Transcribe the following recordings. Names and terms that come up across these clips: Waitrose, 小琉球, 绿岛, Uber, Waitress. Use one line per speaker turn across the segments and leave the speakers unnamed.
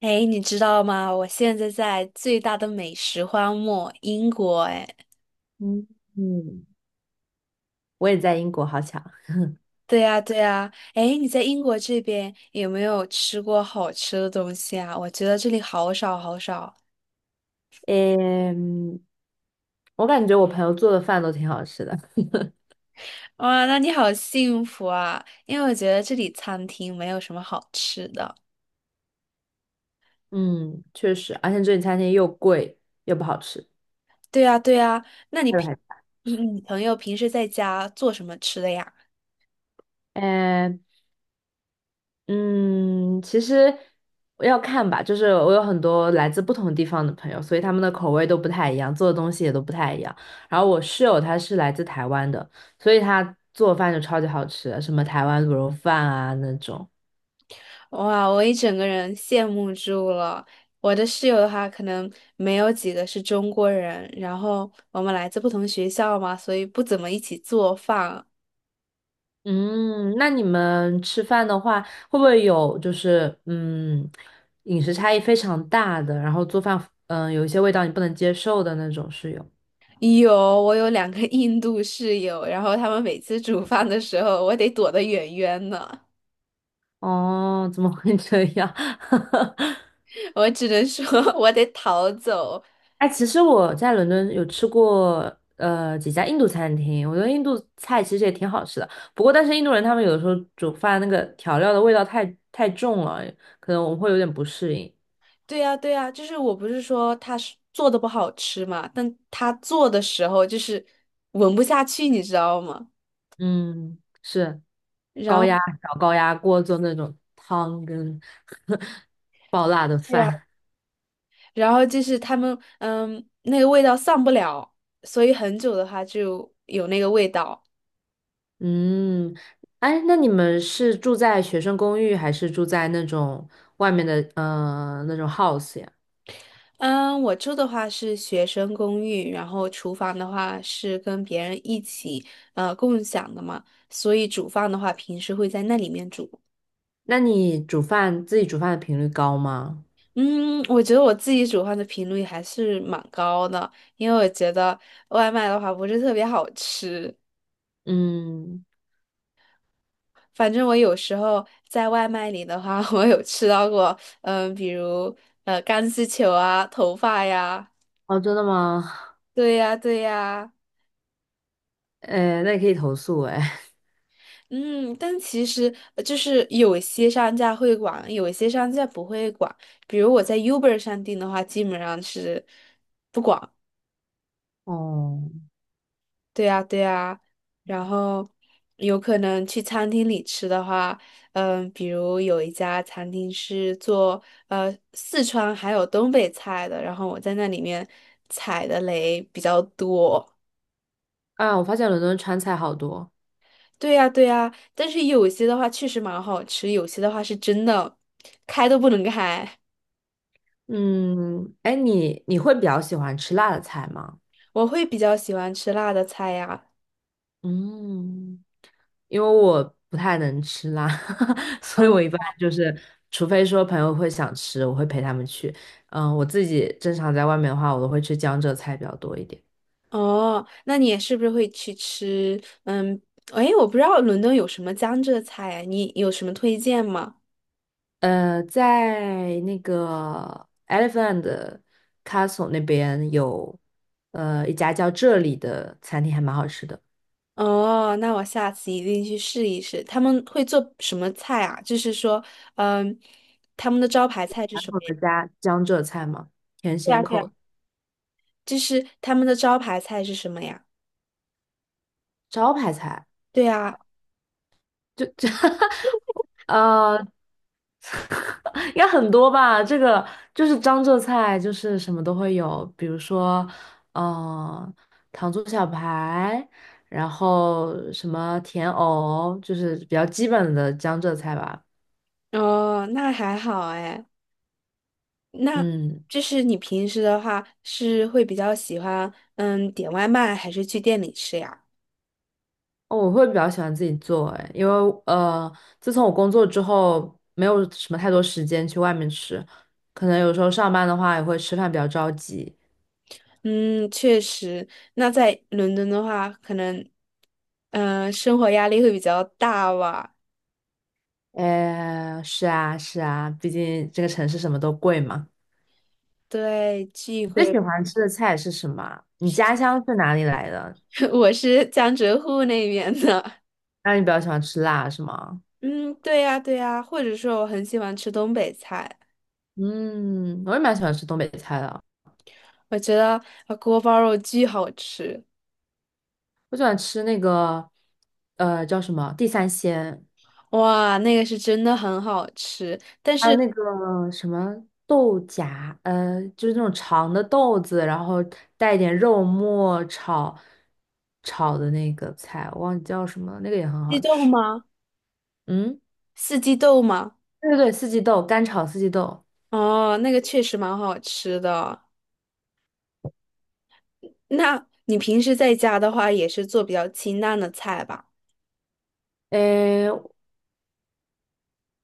哎，你知道吗？我现在在最大的美食荒漠英国。哎，
嗯嗯，我也在英国，好巧。
对呀，对呀。哎，你在英国这边有没有吃过好吃的东西啊？我觉得这里好少好少。
嗯，我感觉我朋友做的饭都挺好吃的。
哇，那你好幸福啊！因为我觉得这里餐厅没有什么好吃的。
嗯，确实，而且这里餐厅又贵又不好吃。
对呀，对呀。那你
还有
平，
还
你朋友平时在家做什么吃的呀？
呃，嗯，其实要看吧，就是我有很多来自不同地方的朋友，所以他们的口味都不太一样，做的东西也都不太一样。然后我室友他是来自台湾的，所以他做饭就超级好吃，什么台湾卤肉饭啊那种。
哇，我一整个人羡慕住了。我的室友的话，可能没有几个是中国人，然后我们来自不同学校嘛，所以不怎么一起做饭。
嗯，那你们吃饭的话，会不会有就是嗯，饮食差异非常大的，然后做饭嗯有一些味道你不能接受的那种室友？
有，我有两个 印度室友，然后他们每次煮饭的时候，我得躲得远远的，
哦，怎么会这样？
我只能说 我得逃走。
哎，其实我在伦敦有吃过几家印度餐厅，我觉得印度菜其实也挺好吃的。不过，但是印度人他们有的时候煮饭那个调料的味道太重了，可能我们会有点不适应。
对呀，对呀，就是我不是说他是做的不好吃嘛，但他做的时候就是闻不下去，你知道吗？
嗯，是
然
高
后。
压高压锅做那种汤跟 爆辣的
对呀。
饭。
然后就是他们，那个味道散不了，所以很久的话就有那个味道。
嗯，哎，那你们是住在学生公寓，还是住在那种外面的那种 house 呀？
嗯，我住的话是学生公寓，然后厨房的话是跟别人一起共享的嘛，所以煮饭的话平时会在那里面煮。
那你煮饭自己煮饭的频率高吗？
嗯，我觉得我自己煮饭的频率还是蛮高的，因为我觉得外卖的话不是特别好吃。
嗯，
反正我有时候在外卖里的话，我有吃到过，比如钢丝球啊、头发呀，
哦，真的吗？
对呀、对呀、
哎，那你可以投诉哎。
嗯，但其实就是有些商家会管，有些商家不会管。比如我在 Uber 上订的话，基本上是。
哦，
对呀，对呀，然后有可能去餐厅里吃的话，比如有一家餐厅是做四川还有东北菜的，然后我在那里面踩的雷比较多。
哎，我发现伦敦川菜好多。
对呀，对呀，但是有些的话确实蛮好吃，有些的话是真的开都不能开。
嗯，哎，你会比较喜欢吃辣的菜吗？
我会比较喜欢吃辣的菜呀。
嗯。因为我不太能吃辣，所以我
嗯。
一般就是，除非说朋友会想吃，我会陪他们去。嗯、我自己正常在外面的话，我都会吃江浙菜比较多一点。
哦，那你也是不是会去吃？嗯，哎，我不知道伦敦有什么江浙菜啊，你有什么推荐吗？
呃，在那个 Elephant Castle 那边有，呃，一家叫这里的餐厅还蛮好吃的，
哦，那我下次一定去试一试。他们会做什么菜啊？就是说，嗯，他们的招牌菜是
传
什
统
么呀？
的家江浙菜嘛，甜
对
咸
啊，对
口。
啊。就是他们的招牌菜是什么呀？
招牌菜，
对啊，
就 呃，应该很多吧？这个就是江浙菜，就是什么都会有，比如说，嗯、糖醋小排，然后什么甜藕，就是比较基本的江浙菜吧。
哦，那还好哎。那
嗯，
就是你平时的话是会比较喜欢点外卖，还是去店里吃呀？
哦我会比较喜欢自己做，哎，因为呃，自从我工作之后，没有什么太多时间去外面吃，可能有时候上班的话也会吃饭比较着急。
嗯，确实。那在伦敦的话，可能，生活压力会比较大吧。
哎，是啊，是啊，毕竟这个城市什么都贵嘛。
对，聚
最
会，
喜欢吃的菜是什么啊你家乡是哪里来的？
我是江浙沪那边的。
那你比较喜欢吃辣是吗？
嗯，对呀，对呀。或者说，我很喜欢吃东北菜，
嗯，我也蛮喜欢吃东北菜的。
我觉得锅包肉巨好吃。
我喜欢吃那个，呃，叫什么地三鲜，
哇，那个是真的很好吃。
还有那个什么豆荚，呃，就是那种长的豆子，然后带一点肉末炒的那个菜，我忘记叫什么了，那个也很
鸡
好
豆
吃。
吗？
嗯，
四季豆吗？
对对对，四季豆，干炒四季豆。
哦，那个确实蛮好吃的。那你平时在家的话，也是做比较清淡的菜吧？
诶，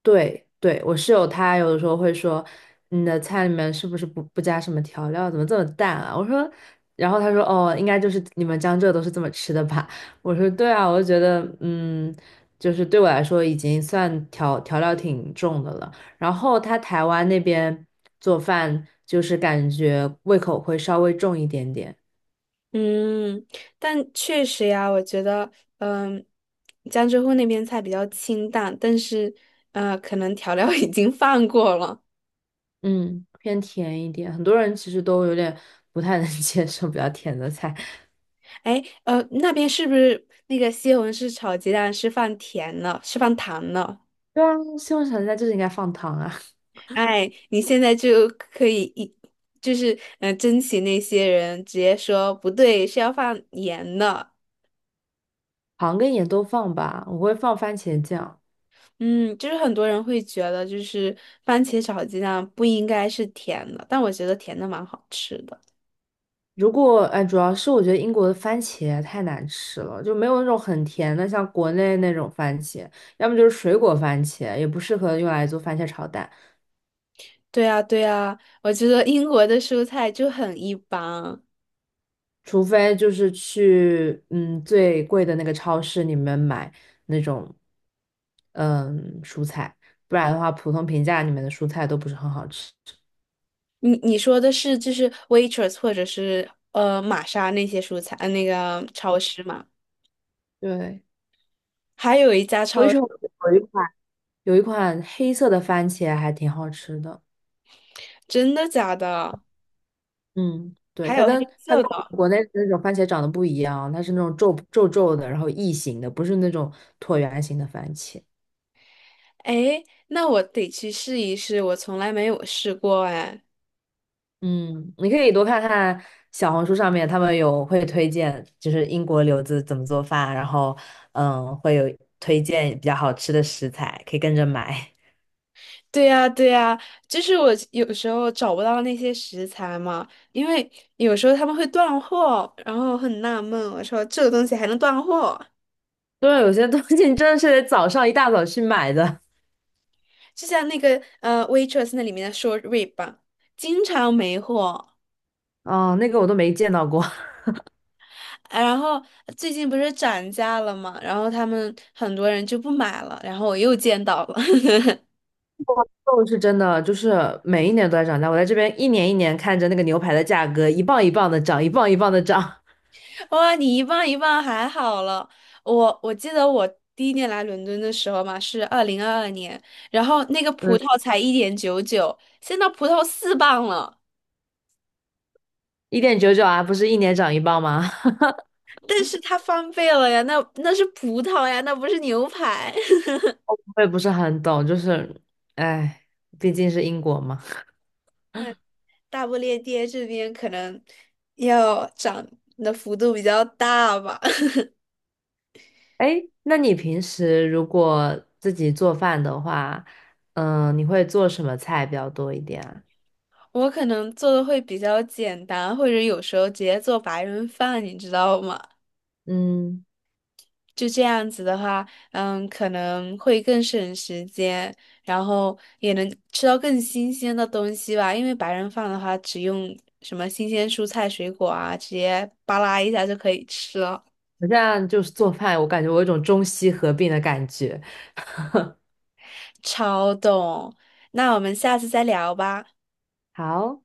对对，我室友他有的时候会说，你的菜里面是不是不加什么调料，怎么这么淡啊？我说，然后他说，哦，应该就是你们江浙都是这么吃的吧？我说，对啊，我就觉得，嗯，就是对我来说已经算调料挺重的了。然后他台湾那边做饭，就是感觉胃口会稍微重一点点，
嗯，但确实呀，我觉得，嗯，江浙沪那边菜比较清淡，但是，可能调料 已经放过了。
嗯，偏甜一点。很多人其实都有点不太能接受比较甜的菜。
哎，那边是不是那个西红柿炒鸡蛋是放甜了，是放糖了？
对啊，西红柿炒鸡蛋就是应该放糖啊。
哎，你现在就可以就是，珍惜那些人，直接说不对，是要放盐的。
糖跟盐都放吧，我会放番茄酱。
嗯，就是很多人会觉得，就是番茄炒鸡蛋不应该是甜的，但我觉得甜的蛮好吃的。
如果哎，主要是我觉得英国的番茄太难吃了，就没有那种很甜的，像国内那种番茄，要么就是水果番茄，也不适合用来做番茄炒蛋，
对啊，对啊，我觉得英国的蔬菜就很一般。
除非就是去嗯最贵的那个超市里面买那种嗯蔬菜，不然的话，普通平价里面的蔬菜都不是很好吃。
你说的是就是 Waitrose 或者是玛莎那些蔬菜，那个超市嘛？
对，
还有一家
我一
超，
直有一款有一款黑色的番茄还挺好吃的。
真的假的？
嗯，对，
还
它
有
跟
黑
它
色
跟我
的？
们国内的那种番茄长得不一样，它是那种皱皱的，然后异形的，不是那种椭圆形的番茄。
哎，那我得去试一试，我从来没有试过哎。
嗯，你可以多看看小红书上面，他们有会推荐，就是英国留子怎么做饭，然后嗯，会有推荐比较好吃的食材，可以跟着买。
对呀，对呀，就是我有时候找不到那些食材嘛，因为有时候他们会断货，然后很纳闷，我说这个东西还能断货。
对，有些东西你真的是得早上一大早去买的。
就像那个Waitress 那里面的 short rib 吧经常没货。啊
哦，那个我都没见到过。
然后最近不是涨价了嘛，然后他们很多人就不买了，然后我又见到了，
肉是真的，就是每一年都在涨价。我在这边一年一年看着那个牛排的价格一磅一磅的涨，一磅一磅的涨。
哇，你一磅一磅还好了。我记得我第一年来伦敦的时候嘛，是2022年，然后那个
嗯，
葡萄才1.99，现在葡萄4磅了，
1.99啊，不是一年涨一磅吗？
但是它翻倍了呀，那是葡萄呀，那不是牛排。
我也不是很懂，就是，哎，毕竟是英国嘛。
大不列颠这边可能要涨的幅度比较大吧，
哎，那你平时如果自己做饭的话，嗯，你会做什么菜比较多一点啊？
我可能做的会比较简单，或者有时候直接做白人饭，你知道吗？
嗯，
就这样子的话，可能会更省时间，然后也能吃到更新鲜的东西吧。因为白人饭的话，只用什么新鲜蔬菜水果啊，直接扒拉一下就可以吃了，
我现在就是做饭，我感觉我有一种中西合并的感觉。
超懂。那我们下次再聊吧。
好。